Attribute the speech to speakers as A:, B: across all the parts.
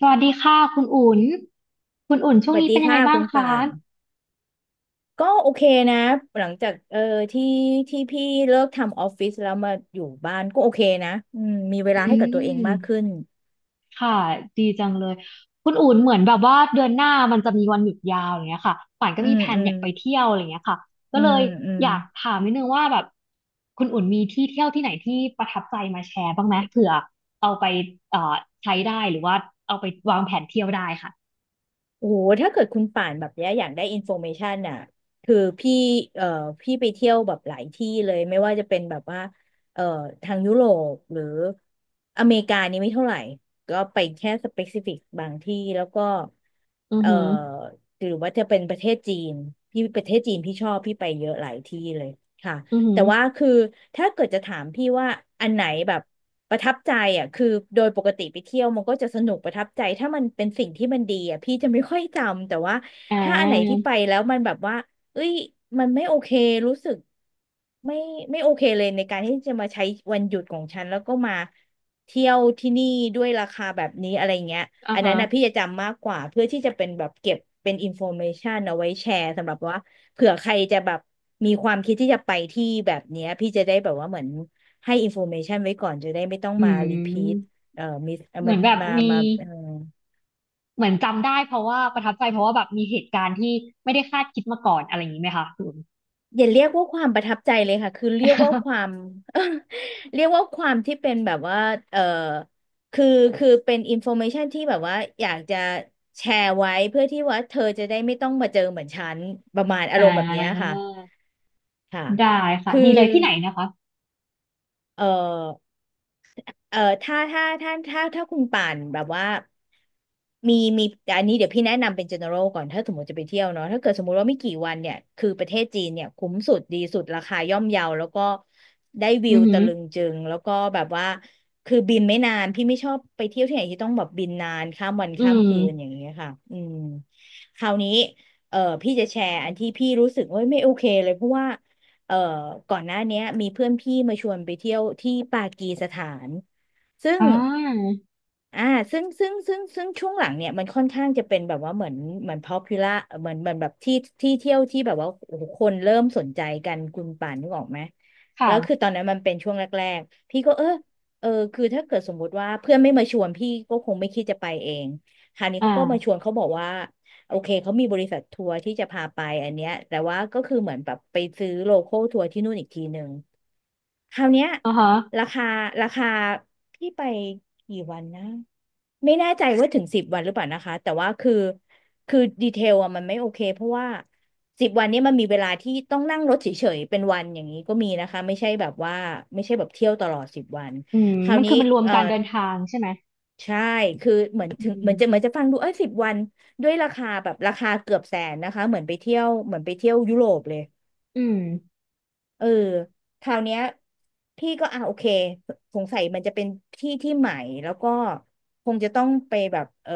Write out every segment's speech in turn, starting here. A: สวัสดีค่ะคุณอุ่นคุณอุ่น
B: ส
A: ช่วง
B: วัส
A: นี้
B: ดี
A: เป็นยังไง
B: ค่ะ
A: บ้า
B: คุ
A: ง
B: ณ
A: คะ
B: ป่านก็โอเคนะหลังจากที่ที่พี่เลิกทำออฟฟิศแล้วมาอยู่บ้านก็โอเคนะมีเวลา
A: อื
B: ให้กับตัวเองมากขึ้
A: ม
B: น
A: ค่ะดีจังเลยคุณอุ่นเหมือนแบบว่าเดือนหน้ามันจะมีวันหยุดยาวอย่างเงี้ยค่ะป่านก็
B: อื
A: มี
B: ม
A: แผน
B: อื
A: อ
B: ม
A: ยากไปเที่ยวอะไรอย่างเงี้ยค่ะก็
B: อื
A: เล
B: ม
A: ย
B: อืม
A: อยากถามนิดนึงว่าแบบคุณอุ่นมีที่เที่ยวที่ไหนที่ประทับใจมาแชร์บ้างไหมเผื่อเอาไปเอ่อใช้ได้หรือว่าเอาไปวางแผนเที่ยวได้ค่ะ
B: โอ้โหถ้าเกิดคุณป่านแบบเนี้ยอยากได้อินโฟเมชันอ่ะคือพี่เอ่อพี่ไปเที่ยวแบบหลายที่เลย ไม่ว่าจะเป็นแบบว่าเอ่อทางยุโรปหรืออเมริกานี่ไม่เท่าไหร่ ก็ไปแค่สเปกซิฟิกบางที่แล้วก็
A: อือ
B: เอ่อ
A: หือ
B: หรือว่าจะเป็นประเทศจีนพี่ประเทศจีนพี่ชอบพี่ไปเยอะหลายที่เลยค่ะ
A: อือหื
B: แต่
A: อ
B: ว่าคือถ้าเกิดจะถามพี่ว่าอันไหนแบบประทับใจอ่ะคือโดยปกติไปเที่ยวมันก็จะสนุกประทับใจถ้ามันเป็นสิ่งที่มันดีอ่ะพี่จะไม่ค่อยจำแต่ว่า
A: อ่
B: ถ้าอันไหนที่
A: า
B: ไปแล้วมันแบบว่าเอ้ยมันไม่โอเครู้สึกไม่ไม่โอเคเลยในการที่จะมาใช้วันหยุดของฉันแล้วก็มาเที่ยวที่นี่ด้วยราคาแบบนี้อะไรเงี้ย
A: อ่า
B: อันนั้
A: ฮะ
B: นนะพี่จะจำมากกว่าเพื่อที่จะเป็นแบบเก็บเป็นอินโฟเมชันเอาไว้แชร์สำหรับว่า เผื่อใครจะแบบมีความคิดที่จะไปที่แบบเนี้ยพี่จะได้แบบว่าเหมือนให้อินโฟเมชันไว้ก่อนจะได้ไม่ต้อง
A: อื
B: มารีพีท
A: ม
B: มิส
A: เหมื
B: มา
A: อนแบบ
B: มา
A: มี เหมือนจำได้เพราะว่าประทับใจเพราะว่าแบบมีเหตุการณ์ที่ไม่ได้คาดคิดมาก่อนอะไรอย่างนี้ไหมคะคุณ
B: อย่าเรียกว่าความประทับใจเลยค่ะคือเรียกว่าค วาม เรียกว่าความที่เป็นแบบว่าเอ่อคือคือเป็นอินโฟเมชันที่แบบว่าอยากจะแชร์ไว้เพื่อที่ว่าเธอจะได้ไม่ต้องมาเจอเหมือนฉันประมาณอา
A: อ่
B: รมณ์แบบเนี้ยค่ะ
A: า
B: ค่ะ
A: ได้ค่ะ
B: คือ
A: ดีเลยที่ไหนนะคะ
B: เออเออถ้าคุณป่านแบบว่ามีมีอันนี้เดี๋ยวพี่แนะนำเป็น general ก่อนถ้าสมมติจะไปเที่ยวเนาะถ้าเกิดสมมติว่าไม่กี่วันเนี่ยคือประเทศจีนเนี่ยคุ้มสุดดีสุดราคาย่อมเยาแล้วก็ได้วิ
A: อือ
B: ว
A: หื
B: ตะ
A: อ
B: ลึงจึงแล้วก็แบบว่าคือบินไม่นานพี่ไม่ชอบไปเที่ยวที่ไหนที่ต้องแบบบินนานข้ามวัน
A: อื
B: ข้าม
A: ม
B: คืนอย่างเงี้ยค่ะคราวนี้เออพี่จะแชร์อันที่พี่รู้สึกว่าไม่โอเคเลยเพราะว่า เอ่อก่อนหน้าเนี้ยมีเพื่อนพี่มาชวนไปเที่ยวที่ปากีสถานซึ่ง
A: อ่า
B: อ่าซึ่งช่วงหลังเนี่ยมันค่อนข้างจะเป็นแบบว่าเหมือนpopular เหมือนแบบที่เที่ยวที่แบบว่าโอ้โหคนเริ่มสนใจกันคุณป่านนึกออกไหมแล้วคือ
A: ค่ะ
B: ตอนนั้นมันเป็นช่วงแรกๆพี่ก็คือถ้าเกิดสมมุติว่าเพื่อนไม่มาชวนพี่ก็คงไม่คิดจะไปเองคราวนี้
A: อ่า
B: เขาก็มาชวนเขาบอกว่า โอเคเขามีบริษัททัวร์ที่จะพาไปอันเนี้ยแต่ว่าก็คือเหมือนแบบไปซื้อโลคอลทัวร์ที่นู่นอีกทีหนึ่งคราวเนี้ย
A: อ่าฮะ
B: ราคาราคาพี่ไปกี่วันนะไม่แน่ใจว่าถึงสิบวันหรือเปล่านะคะแต่ว่าคือดีเทลอะมันไม่โอเคเพราะว่าสิบวันเนี้มันมีเวลาที่ต้องนั่งรถเฉยๆเป็นวันอย่างนี้ก็มีนะคะไม่ใช่แบบว่าไม่ใช่แบบเที่ยวตลอดสิบวัน
A: อืม
B: คราว
A: มัน
B: นี้
A: คือมันรวม
B: เอ่อ
A: การเดินทางใช่ไหม
B: ใช่ คือเหมือน
A: อื
B: ถึงเห
A: ม
B: มือนจะเหมือนจะฟังดูเอ้ยสิบวัน ด้วยราคาแบบราคาเกือบแสนนะคะ เหมือนไปเที่ยวเหมือนไปเที่ยวยุโรปเลย
A: อืม
B: เออคราวเนี้ยพี่ก็โอเคสงสัยมันจะเป็นที่ที่ใหม่ แล้วก็คงจะต้องไปแบบ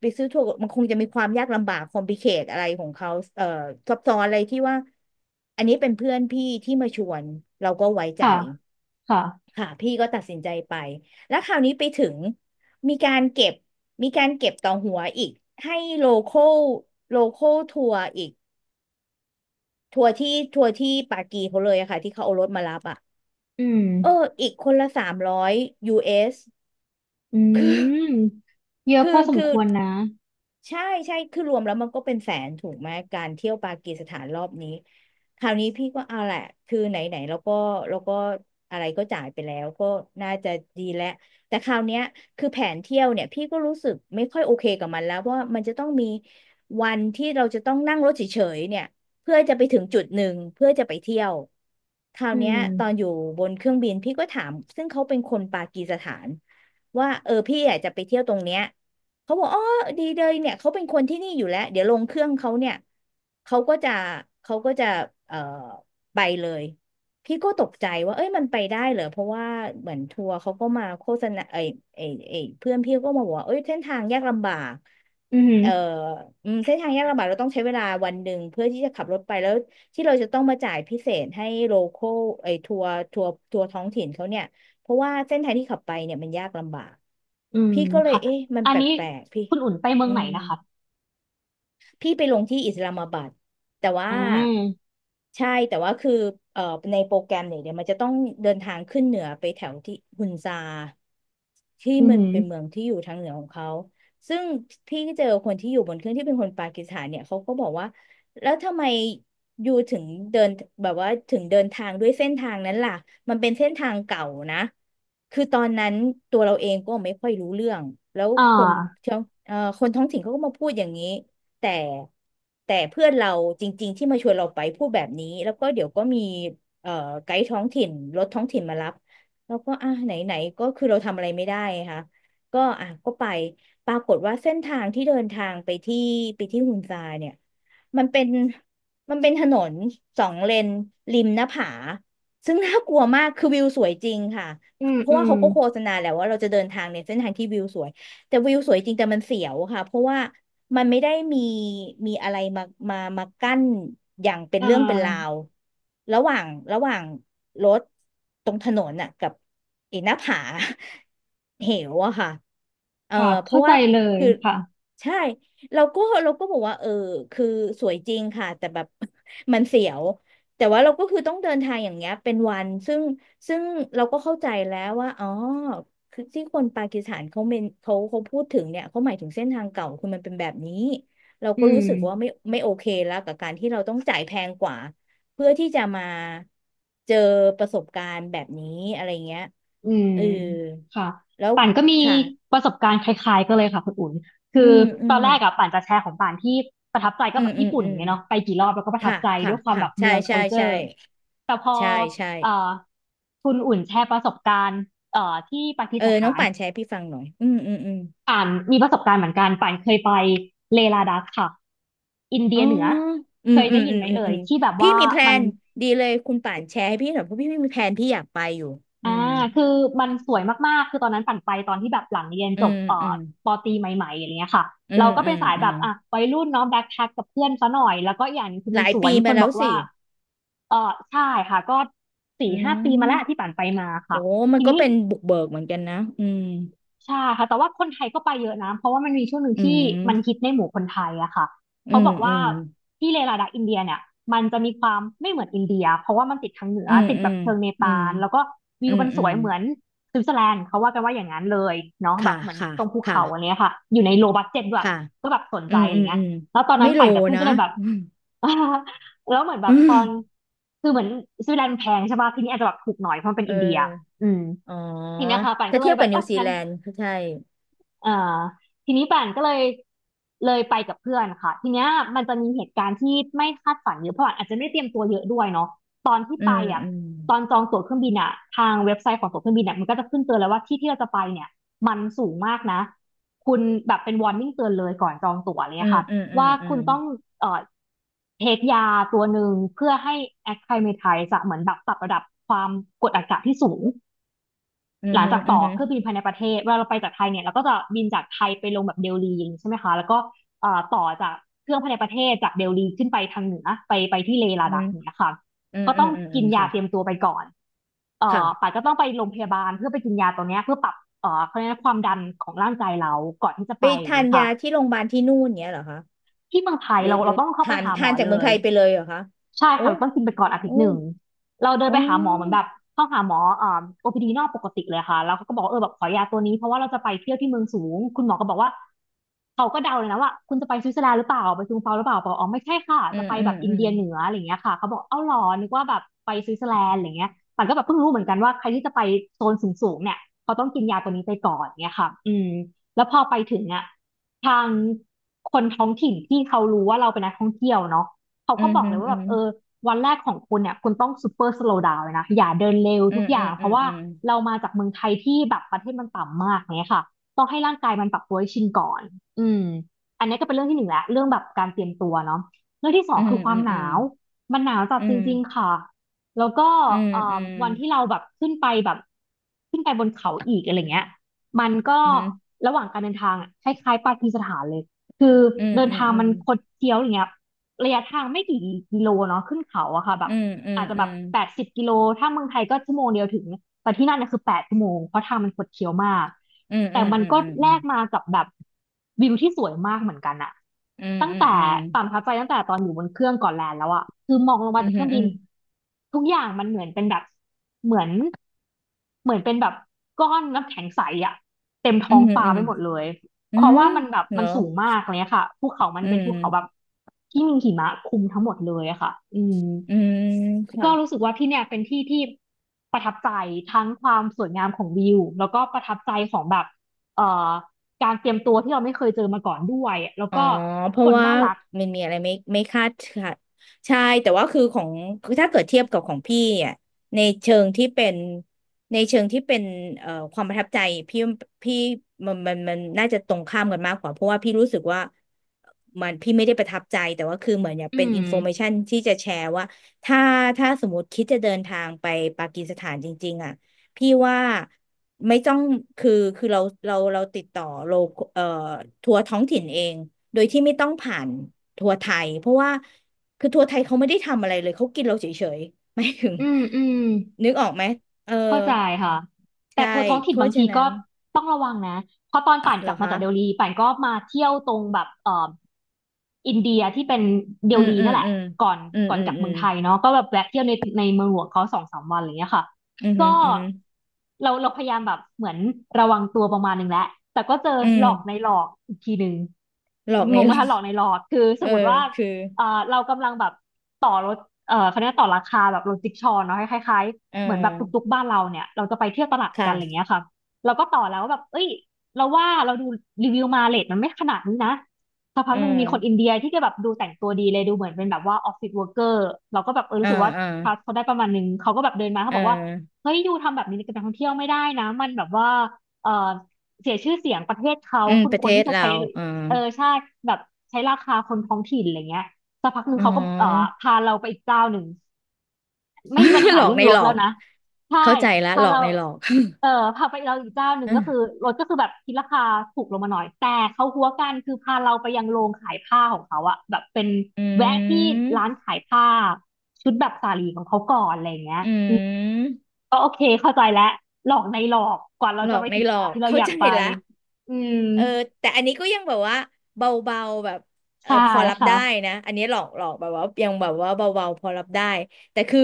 B: ไปซื้อทัวร์มันคงจะมีความยากลำบาก คอมพลิเคทอะไรของเขาเออซับซ้อนอะไรที่ว่าอันนี้เป็นเพื่อนพี่ที่มาชวนเราก็ไว้ใจ
A: ค่ะค่ะ
B: ค่ะพี่ก็ตัดสินใจไปแล้วคราวนี้ไปถึงมีการเก็บมีการเก็บต่อหัวอีกให้โลคอลทัวร์อีกทัวร์ที่ทัวร์ที่ปากีเขาเลยอะค่ะที่เขาเอารถมารับอะ
A: อืม
B: เอออีกคนละ300 US
A: อืมเยอะพอสมควรนะ
B: ใช่ใช่คือรวมแล้วมันก็เป็นแสนถูกไหมการเที่ยวปากีสถานรอบนี้คราวนี้พี่ก็เอาแหละคือไหนไหนแล้วก็อะไรก็จ่ายไปแล้วก็น่าจะดีแล้วแต่คราวเนี้ยคือแผนเที่ยวเนี่ยพี่ก็รู้สึกไม่ค่อยโอเคกับมันแล้วเพราะว่ามันจะต้องมีวันที่เราจะต้องนั่งรถเฉยๆเนี่ยเพื่อจะไปถึงจุดหนึ่งเพื่อจะไปเที่ยวคราว
A: อื
B: เนี้ย
A: ม
B: ตอนอยู่บนเครื่องบินพี่ก็ถามซึ่งเขาเป็นคนปากีสถานว่าเออพี่อยากจะไปเที่ยวตรงเนี้ย เขาบอกอ๋อดีเลยเนี่ยเขาเป็นคนที่นี่อยู่แล้วเดี๋ยวลงเครื่องเขาเนี่ยเขาก็จะเขาก็จะเอ่อไปเลย พี่ก็ตกใจว่าเอ้ยมันไปได้เหรอ เพราะว่าเหมือนทัวร์เขาก็มาโฆษณาไอ้เพื่อนพี่ก็มาบอกว่าเอ้ยเส้นทางยากลำบาก
A: อือือ
B: เอ่ออืมเส้นทางยากลำบากเราต้องใช้เวลาวันหนึ่งเพื่อที่จะขับรถไปแล้วที่เราจะต้องมาจ่ายพิเศษให้โลคอลไอ้ทัวร์ท้องถิ่นเขาเนี่ย เพราะว่าเส้นทางที่ขับไปเนี่ยมันยากลำบาก
A: อืม
B: พี่ก็เลย
A: ค่ะ
B: เอ๊ะมัน
A: อัน
B: แป
A: นี้
B: ลกๆพี่
A: คุณอุ่นไปเมือ
B: อื
A: งไหน
B: ม
A: นะคะ
B: พี่ไปลงที่อิสลามบัดแต่ว่า
A: อ่า
B: ใช่แต่ว่าคือเอ่อในโปรแกรมเนี่ยเดี๋ยวมันจะต้องเดินทางขึ้นเหนือไปแถวที่ฮุนซาที่
A: อืมอ
B: มัน
A: หือ
B: เป็นเมืองที่อยู่ทางเหนือของเขาซึ่งพี่ก็เจอคนที่อยู่บนเครื่องที่เป็นคนปากีสถานเนี่ยเขาก็บอกว่าแล้วทำไมอยู่ถึงเดินแบบว่าถึงเดินทางด้วยเส้นทางนั้นล่ะมันเป็นเส้นทางเก่านะคือตอนนั้นตัวเราเองก็ไม่ค่อยรู้เรื่องแล้ว
A: อ่า
B: คนท้องคนท้องถิ่นเขาก็มาพูดอย่างนี้ แต่แต่เพื่อนเราจริงๆที่มาชวนเราไปพูดแบบนี้แล้วก็เดี๋ยวก็มีเอ่อไกด์ท้องถิ่นรถท้องถิ่นมารับแล้วก็อ่ะไหนๆก็คือเราทำอะไรไม่ได้ค่ะก็อ่ะก็ไปปรากฏว่าเส้นทางที่เดินทางไปที่ฮุนซาเนี่ยมันเป็นมันเป็นถนนสองเลนริมหน้าผาซึ่งน่ากลัวมากคือวิวสวยจริงค่ะ
A: อืม
B: เพราะ
A: อื
B: ว่า
A: ม
B: เขาก็โฆษณาแหละว่าเราจะเดินทางในเส้นทางที่วิวสวย แต่วิวสวยจริงแต่มันเสียวค่ะเพราะว่ามันไม่ได้มีมีอะไรมามากั้นอย่างเป็น
A: อ่
B: เรื่องเป็นรา
A: า
B: วระหว่างระหว่างรถตรงถนนน่ะกับไอ้หน้าผา เหวอะค่ะเออ
A: ค่ะ
B: เพ
A: เข้า
B: ราะ
A: ใจ
B: ว่า
A: เลย
B: คือ
A: ค่ะ
B: ใช่เราก็บอกว่าเออคือสวยจริงค่ะแต่แบบ มันเสียวแต่ว่าเราก็คือต้องเดินทางอย่างเงี้ยเป็นวันซึ่งเราก็เข้าใจแล้วว่าอ๋อ คือที่คนปากีสถานเขาเมนเขาพูดถึงเนี่ยเขาหมายถึงเส้นทางเก่าคือมันเป็นแบบนี้เรา
A: อื
B: ก็รู้
A: ม
B: สึกว่าไม่โอเคแล้วกับการที่เราต้องจ่ายแพงกว่าเพื่อที่จะมาเจอประสบการณ์แบบนี้อะไรเงี้ย
A: อืม
B: เออ
A: ค่ะ
B: แล้ว
A: ป่านก็มี
B: ค่ะ
A: ประสบการณ์คล้ายๆก็เลยค่ะคุณอุ่นคือ
B: อืมอื
A: ตอ
B: ม
A: นแรกอะป่านจะแชร์ของป่านที่ประทับใจก็
B: อื
A: แบ
B: ม
A: บ
B: อื
A: ญี่
B: ม
A: ปุ่น
B: อืม
A: ไงเนาะไปกี่รอบแล้วก็ประทับ
B: ค่ะ
A: ใจด้
B: ค่ะ
A: วยความ
B: ค่ะ
A: แบบ
B: ใช่
A: เมือง
B: ใช่ใช่
A: culture แต่พอ
B: ใช่ใช่
A: เอ่อคุณอุ่นแชร์ประสบการณ์ที่ปากี
B: เออ
A: ส
B: น้อ
A: ถา
B: ง
A: น
B: ป่านแชร์ให้พี่ฟังหน่อยอืมอืมอืม
A: ป่านมีประสบการณ์เหมือนกันป่านเคยไปเลลาดักค่ะอินเดี
B: อ๋อ
A: ยเหนือ
B: อื
A: เค
B: ม
A: ย
B: อื
A: ได้
B: ม
A: ยิ
B: อื
A: น
B: ม
A: ไหม
B: อืม
A: เอ่
B: อื
A: ย
B: ม
A: ที่แบบ
B: พี่
A: ว่า
B: มีแพล
A: มัน
B: นดีเลยคุณป่านแชร์ให้พี่หน่อยเพราะพี่ไม่มีแพลนพี่อยากไปอยู่อื
A: อ่า
B: ม
A: คือมันสวยมากๆคือตอนนั้นปั่นไปตอนที่แบบหลังเรียน
B: อื
A: จบ
B: มอืม
A: ปอตรีใหม่ๆอะไรเงี้ยค่ะ
B: อื
A: เรา
B: ม
A: ก็
B: อื
A: เป็น
B: ม
A: สาย
B: อื
A: แบ
B: ม
A: บอ่ะวัยรุ่นเนาะแบ็คแพ็คกับเพื่อนซะหน่อยแล้วก็อีกอย่างหนึงคือ
B: ห
A: มัน
B: ลาย
A: สวย
B: ปี
A: มีค
B: มา
A: นบ
B: แล้ว
A: อกว่า
B: สิ
A: เออใช่ค่ะก็สี่
B: อื
A: ห้าปีมาแล้วที่
B: ม
A: ปั่นไปมา
B: โอ้
A: ค่ะ
B: มัน
A: ที
B: ก็
A: นี้
B: เป็นบุกเบิกเหมือนกันนะ อืม
A: ใช่ค่ะแต่ว่าคนไทยก็ไปเยอะนะเพราะว่ามันมีช่วงหนึ่ง
B: อื
A: ที่มันฮิต
B: ม
A: ในหมู่คนไทยอะค่ะ
B: อื
A: เขาบ
B: ม
A: อก
B: อื
A: ว่า
B: ม
A: ที่เลลาดักอินเดียเนี่ยมันจะมีความไม่เหมือนอินเดียเพราะว่ามันติดทางเหนือ
B: อืม
A: ติด
B: อื
A: แบบ
B: ม
A: เชิงเน
B: อื
A: ปา
B: ม
A: ลแล้วก็วิ
B: อื
A: ว
B: ม
A: มันส
B: อื
A: ว
B: ม
A: ยเหมือนสวิตเซอร์แลนด์เขาว่ากันว่าอย่างนั้นเลยเนาะแบ
B: ค่ะ
A: บเหมือน
B: ค่ะ
A: ตรงภู
B: ค่ะ
A: เขาอันเนี้ยค่ะอยู่ในโลบัดเจ็ตด้วย
B: ค่ะ
A: ก็แบบสน
B: อื
A: ใจ
B: ม
A: อะ
B: อื
A: ไร
B: ม
A: เงี้
B: อื
A: ย
B: ม
A: แล้วตอนนั้
B: ไม่
A: น
B: โล
A: ปั่นกับเพื่อน
B: นะ
A: ก็เลยแบบ แล้วเหมือนแบ
B: อื
A: บต
B: ม
A: อนคือเหมือนสวิตเซอร์แลนด์แพงใช่ป่ะที่นี่อาจจะแบบถูกหน่อยเพราะมันเป็น
B: เออ
A: อินเดียอืม
B: อ๋อ
A: ทีนี้ค่ะปัน
B: ถ้า
A: ก็เล
B: เทีย
A: ย
B: บ
A: แบ
B: กับ
A: บเอ
B: นิว
A: อ
B: ซี
A: งั้น
B: แลนด์ก็ใช่
A: อ่าทีนี้ป่านก็เลยเลยไปกับเพื่อนค่ะทีเนี้ยมันจะมีเหตุการณ์ที่ไม่คาดฝันเยอะเพราะป่านอาจจะไม่ได้เตรียมตัวเยอะด้วยเนาะตอนที่
B: อื
A: ไป
B: ม
A: อ่ะ
B: อืม
A: ตอนจองตั๋วเครื่องบินอ่ะทางเว็บไซต์ของตั๋วเครื่องบินอ่ะมันก็จะขึ้นเตือนแล้วว่าที่ที่เราจะไปเนี่ยมันสูงมากนะคุณแบบเป็น warning เตือนเลยก่อนจองตั๋ว
B: อื
A: เลย
B: ม
A: ค่ะ
B: อืมอืม
A: ว่า
B: อื
A: คุณ
B: ม
A: ต้องเอ่อเทคยาตัวหนึ่งเพื่อให้ acclimatize อะเหมือนแบบปรับระดับความกดอากาศที่สูง
B: อืม
A: หลัง
B: อืม
A: จาก
B: อื
A: ต่
B: ม
A: อ
B: อืม
A: เครื่องบินภายในประเทศเวลาเราไปจากไทยเนี่ยเราก็จะบินจากไทยไปลงแบบเดลีอย่างนี้ใช่ไหมคะแล้วก็ต่อจากเครื่องภายในประเทศจากเดลลีขึ้นไปทางเหนือไปไปที่เลลาดักเนี่ยค่ะ
B: อืม
A: ก็
B: อื
A: ต้อ
B: ม
A: ง
B: อืมอื
A: กิน
B: ม
A: ยา
B: ค่ะ
A: เตรียมตัวไปก่อน
B: ค่ะ
A: ป่าก็ต้องไปโรงพยาบาลเพื่อไปกินยาตัวเนี้ยเพื่อปรับเขาเรียกว่าความดันของร่างกายเราก่อนที่จะ
B: ไป
A: ไปอย่าง
B: ทาน
A: นี้ค่ะ
B: ยาที่โรงพยาบาลที่นู่นเนี้ยเหรอคะ
A: ที่เมืองไทย
B: หรือ
A: เรา
B: หรื
A: เรา
B: อ
A: ต้องเข้าไป
B: ทาน
A: หาหม
B: ทา
A: อ
B: นจาก
A: เล
B: เมือง
A: ย
B: ไทยไปเลยเหรอคะ
A: ใช่
B: โอ้
A: ค่ะเราต้องกินไปก่อนอาทิ
B: โอ้
A: ตย์หนึ่งเราเดิน
B: อ๋อ
A: ไปหาหมอเหมือนแบบเข้าหาหมอOPD นอกปกติเลยค่ะแล้วเขาก็บอกว่าเออแบบขอยาตัวนี้เพราะว่าเราจะไปเที่ยวที่เมืองสูงคุณหมอก็บอกว่าเขาก็เดาเลยนะว่าคุณจะไปสวิตเซอร์แลนด์หรือเปล่าไปซูงเปาหรือเปล่าบอกอ๋อไม่ใช่ค่ะ
B: อื
A: จะ
B: ม
A: ไป
B: อื
A: แบ
B: ม
A: บอิน
B: อืม
A: เดียเหนืออะไรอย่างเงี้ยค่ะเขาบอกเอ้าหรอนึกว่าแบบไปสวิตเซอร์แลนด์อะไรเงี้ยแต่ก็แบบเพิ่งรู้เหมือนกันว่าใครที่จะไปโซนสูงๆเนี่ยเขาต้องกินยาตัวนี้ไปก่อนเนี่ยค่ะอืมแล้วพอไปถึงอ่ะทางคนท้องถิ่นที่เขารู้ว่าเราเป็นนักท่องเที่ยวเนาะ เขา
B: อื
A: ก็
B: ม
A: บอก
B: อื
A: เล
B: ม
A: ยว่า
B: อื
A: แบบ
B: ม
A: เออวันแรกของคุณเนี่ยคุณต้องซูเปอร์สโลว์ดาวเลยนะอย่าเดินเร็ว
B: อื
A: ทุก
B: ม
A: อ
B: อื
A: ย่า
B: ม
A: งเพ
B: อื
A: ราะว่า
B: ม
A: เรามาจากเมืองไทยที่แบบประเทศมันต่ำมากเนี่ยค่ะต้องให้ร่างกายมันปรับตัวให้ชินก่อนอืมอันนี้ก็เป็นเรื่องที่หนึ่งแล้วเรื่องแบบการเตรียมตัวเนาะเรื่องที่สอง
B: อืม
A: คือควา
B: อื
A: ม
B: ม
A: ห
B: อื
A: นาวมันหนาวจัด
B: ม
A: จริงๆค่ะแล้วก็
B: อืมอืม
A: วันที่เราแบบขึ้นไปแบบขึ้นไปบนเขาอีกอะไรเงี้ยมันก็
B: อื
A: ระหว่างการเดินทางอะคล้ายๆปากีสถานเลยคือ
B: มอืม
A: เดินทาง
B: อื
A: มั
B: ม
A: นคดเคี้ยวอย่างเงี้ย ระยะทางไม่กี่กิโลเนาะขึ้นเขาอะค่ะแบบ
B: อืมอืม
A: อาจจะแบบ80 กิโลถ้าเมืองไทยก็ชั่วโมงเดียวถึงแต่ที่นั่นเนี่ยคือแปดชั่วโมงเพราะทางมันคดเคี้ยวมาก
B: อืม
A: แต่
B: อืม
A: มัน
B: อื
A: ก็แล
B: ม
A: กมากับแบบวิวที่สวยมากเหมือนกันอะ
B: อืม
A: ตั้ง
B: อืม
A: แต่
B: อืมอื
A: ความประ
B: ม
A: ทับใจตั้งแต่ตอนอยู่บนเครื่องก่อนแลนด์แล้วอะคือมองลงมา
B: อื
A: จา
B: ม
A: กเครื่อง
B: อื
A: บิน
B: ม
A: ทุกอย่างมันเหมือนเป็นแบบเหมือนเหมือนเป็นแบบก้อนน้ำแข็งใสอะเต็ม
B: อื
A: ท้อง
B: ม
A: ฟ้า
B: อืม
A: ไปหมดเลย
B: อืมอื
A: เพ
B: ม
A: ราะ
B: อืมอื
A: ว่า
B: ม
A: มันแบบ
B: อืมอืมเหร
A: มัน
B: อ
A: สูงมากอะไรเลยค่ะภูเขามัน
B: อื
A: เป็นภูเขาแบบ
B: ม
A: ที่มีหิมะคลุมทั้งหมดเลยอะค่ะอืม
B: อืมค่ะ
A: ก็รู้สึกว่าที่เนี่ยเป็นที่ที่ประทับใจทั้งความสวยงามของวิวแล้วก็ประทับใจของแบบเอ่อการเตรียมตัวที่เราไม่เคยเจอมาก่อนด้วยแล้ว
B: อ๋อ
A: ก็
B: เพ
A: ค
B: ราะ
A: น
B: ว่า
A: น่ารัก
B: มันมีอะไรไม่คาดค่ะใช่แต่ว่าคือของคือถ้าเกิดเทียบกับของพี่อ่ะในเชิงที่เป็นในเชิงที่เป็นความประทับใจพี่พี่มันน่าจะตรงข้ามกันมากกว่าเพราะว่าพี่รู้สึกว่ามันพี่ไม่ได้ประทับใจแต่ว่าคือเหมือนอยาก
A: อื
B: เป็นอิ
A: ม
B: นโฟ a มชันที่จะแชร์ว่าถ้าถ้าสมมติคิดจะเดินทางไปปากีสถานจริงๆอ่ะพี่ว่า ไม่ต้องคือคือเราติดต่อโลเอ่อทัวร์ท้องถิ่นเองโดยที่ไม่ต้องผ่านทัวร์ไทยเพราะว่าคือทัวร์ไทยเขาไม่ได้ทำอะไรเลยเขากินเราเฉยๆ ไม่ถึง
A: อืมอืม
B: นึกออกไหมเออ
A: เข้าใจค่ะแต่
B: ใช่
A: ทัวร์ท้อง
B: เพ
A: ถิ่นบา
B: ราะ
A: ง
B: ฉะ
A: ที
B: นั้
A: ก็
B: น
A: ต้องระวังนะเพราะตอนป่าน
B: เห
A: ก
B: รอ
A: ลับมา
B: คะ
A: จากเดลีป่านก็มาเที่ยวตรงแบบอินเดียที่เป็นเด
B: อืม
A: ลี
B: อื
A: นั่
B: ม
A: นแหละ
B: อืม
A: ก่อน
B: อืม
A: ก่อน
B: อื
A: ก
B: ม
A: ลับ
B: อื
A: เมือ
B: ม
A: งไทยเนาะก็แบบแวะเที่ยวในในเมืองหลวงเขาสองสามวันอะไรเงี้ยค่ะ
B: อืม
A: ก็
B: อืม
A: เราพยายามแบบเหมือนระวังตัวประมาณหนึงแล้วแต่ก็เจอ
B: อื
A: ห
B: ม
A: ลอกในหลอกอีกทีหนึ่ง
B: หลอก
A: ง
B: ใน
A: ง
B: ห
A: ไห
B: ล
A: ม
B: อก
A: คะหล อกในหลอกคือส
B: เออ
A: มมติว่า
B: คือ
A: เอ่อเรากำลังแบบต่อรถเขาเรียกว่าต่อราคาแบบรถจิ๊กชอว์เนาะคล้าย
B: เอ
A: เหมือนแบบตุก
B: อ
A: ๆบ้านเราเนี่ยเราจะไปเที่ยวตลาดกันอะไร
B: ค่ะ
A: เงี้ยค่ะเราก็ต่อแล้วว่าแบบเอ้ยเราว่าเราดูรีวิวมาเรทมันไม่ขนาดนี้นะสักพัก
B: เอ
A: หนึ่งมีคนอิน
B: อ
A: เดียที่ก็แบบดูแต่งตัวดีเลยดูเหมือนเป็นแบบว่าออฟฟิศเวิร์กเกอร์เราก็แบบเออ
B: เอ
A: รู้
B: อ
A: สึกว่า
B: เออ
A: ทรัสเขาได้ประมาณนึงเขาก็แบบเดินมาเขา
B: เอ
A: บอกว่า
B: อ
A: เฮ้ยยูทำแบบนี้กับนักท่องเที่ยวไม่ได้นะมันแบบว่าเออเสียชื่อเสียงประเทศเขา
B: อืม
A: คุณ
B: ประ
A: ค
B: เท
A: วร
B: ศ
A: ที่จะ
B: เรา
A: ใช้
B: เออ
A: เออใช่แบบใช้ราคาคนท้องถิ่นอะไรเงี้ยสักพักหนึ่ง
B: อ๋อ
A: เขาก็เออพาเราไปอีกเจ้าหนึ่ง ไม่มีปัญ หา
B: หลอก
A: เรื่อง
B: ใน
A: ร
B: หล
A: ถ
B: อ
A: แล้ว
B: ก
A: นะใช่
B: เข้าใจละ
A: พา
B: หลอก
A: เรา
B: ในหลอก
A: เออพาไปเราอีกเจ้าห นึ่ง
B: อื
A: ก็
B: ม
A: คือรถก็คือแบบคิดราคาถูกลงมาหน่อยแต่เขาหัวกันคือพาเราไปยังโรงขายผ้าของเขาอะแบบเป็นแวะที่ร้านขายผ้าชุดแบบสาลีของเขาก่อนอะไรอย่างเงี้ย
B: อื
A: อืม
B: ม
A: ก็โอเคเข้าใจแล้วหลอกในหลอกกว่าเรา
B: หล
A: จะ
B: อ
A: ไป
B: กใน
A: ถึง
B: หล
A: ส
B: อ
A: ถาน
B: ก
A: ที่เรา
B: เข้า
A: อยาก
B: ใจ
A: ไป
B: ละ
A: อืม
B: เออแต่อันนี้ก็ยังแบบว่าเบาๆแบบเออ
A: ใช่
B: พอรับ
A: ค่ะ
B: ได้นะอันนี้หลอกหลอกแบบว่ายังแบบว่าเบาๆพอรับได้แต่คือ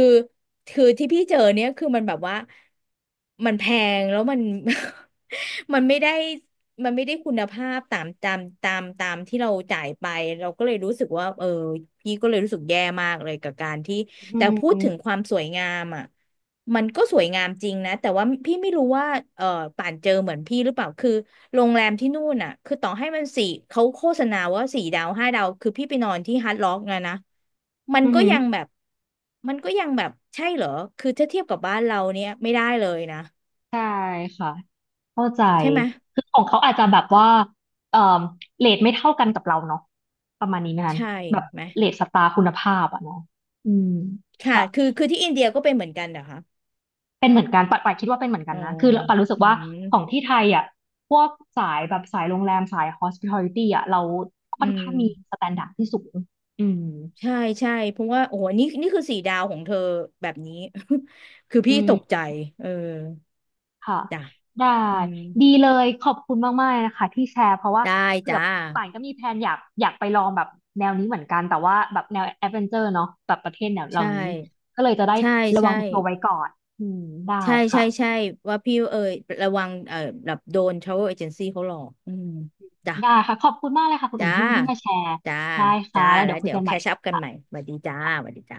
B: คือที่พี่เจอเนี่ยคือมันแบบว่ามันแพงแล้วมัน มันไม่ได้มันไม่ได้คุณภาพตามที่เราจ่ายไปเราก็เลยรู้สึกว่าเออพี่ก็เลยรู้สึกแย่มากเลยกับการที่
A: อื
B: แต่พูดถึง
A: ม
B: ความสวยงามอ่ะ มันก็สวยงามจริงนะแต่ว่าพี่ไม่รู้ว่าเออป่านเจอเหมือนพี่หรือเปล่าคือโรงแรมที่นู่นอ่ะคือต่อให้มันสี่เขาโฆษณาว่าสี่ดาวห้าดาวคือพี่ไปนอนที่ฮาร์ดร็อกนะมัน
A: อือ
B: ก็
A: หือ
B: ยังแบบมันก็ยังแบบใช่เหรอคือถ้าเทียบกับบ้านเราเนี่ยไม่ได้เลยนะ
A: ใช่ค่ะ เข้าใจ
B: ใช่ไหม
A: คือของเขาอาจจะแบบว่าเอ่อเรทไม่เท่ากันกับเราเนาะประมาณนี้ไหมคะ
B: ใช่
A: แบบ
B: ไหม
A: เรทสตาร์คุณภาพอะเนาะอืม
B: ค่ะ
A: ค่ะ
B: คือคือที่อินเดียก็เป็นเหมือนกันเหรอคะ
A: เป็นเหมือนกันปัดคิดว่าเป็นเหมือนกั
B: อ๋
A: น
B: อ
A: นะ คือปัดรู้สึ
B: อื
A: กว่า
B: ม
A: ของที่ไทยอ่ะ พวกสายแบบสายโรงแรมสาย hospitality อ่ะ เราค่
B: อื
A: อน
B: ม
A: ข้างมีสแตนดาร์ดที่สูงอืม
B: ใช่ใช่เพราะว่าโอ้โหนี่คือสี่ดาวของเธอแบบนี้ คือ
A: อื
B: พี่ตก
A: ม
B: ใจเออ
A: ค่ะ
B: จ้ะ
A: ได้
B: อืม
A: ดีเลยขอบคุณมากๆเลยนะคะที่แชร์เพราะว่า
B: ได้
A: เผื่อ
B: จ้า
A: ป่านก็มีแพลนอยากอยากไปลองแบบแนวนี้เหมือนกันแต่ว่าแบบแนวแอดเวนเจอร์เนาะแบบประเทศแนวเหล่า
B: ใช่
A: นี้ก็เลยจะได้
B: ใช่
A: ระวั
B: ใช่
A: งตัวไว้ก่อนอืมได้
B: ใช่ ใช่
A: ค่ะ
B: ใช่ว่าพี่เอ่ยระวังแบบโดน travel agency เขาหลอกอืมจ้ะ
A: ได้ค่ะขอบคุณมากเลยค่ะคุณอุ่
B: จ้า
A: นที่มาแชร์
B: จ้า
A: ได้ค่ะ
B: จ้า
A: แล้ว
B: แล้
A: เดี๋ย
B: ว
A: วคุย
B: เดี๋ย
A: กั
B: ว
A: น
B: แค
A: ใหม่
B: ชอัพกันใหม่สวัสดีจ้าสวัสดีจ้า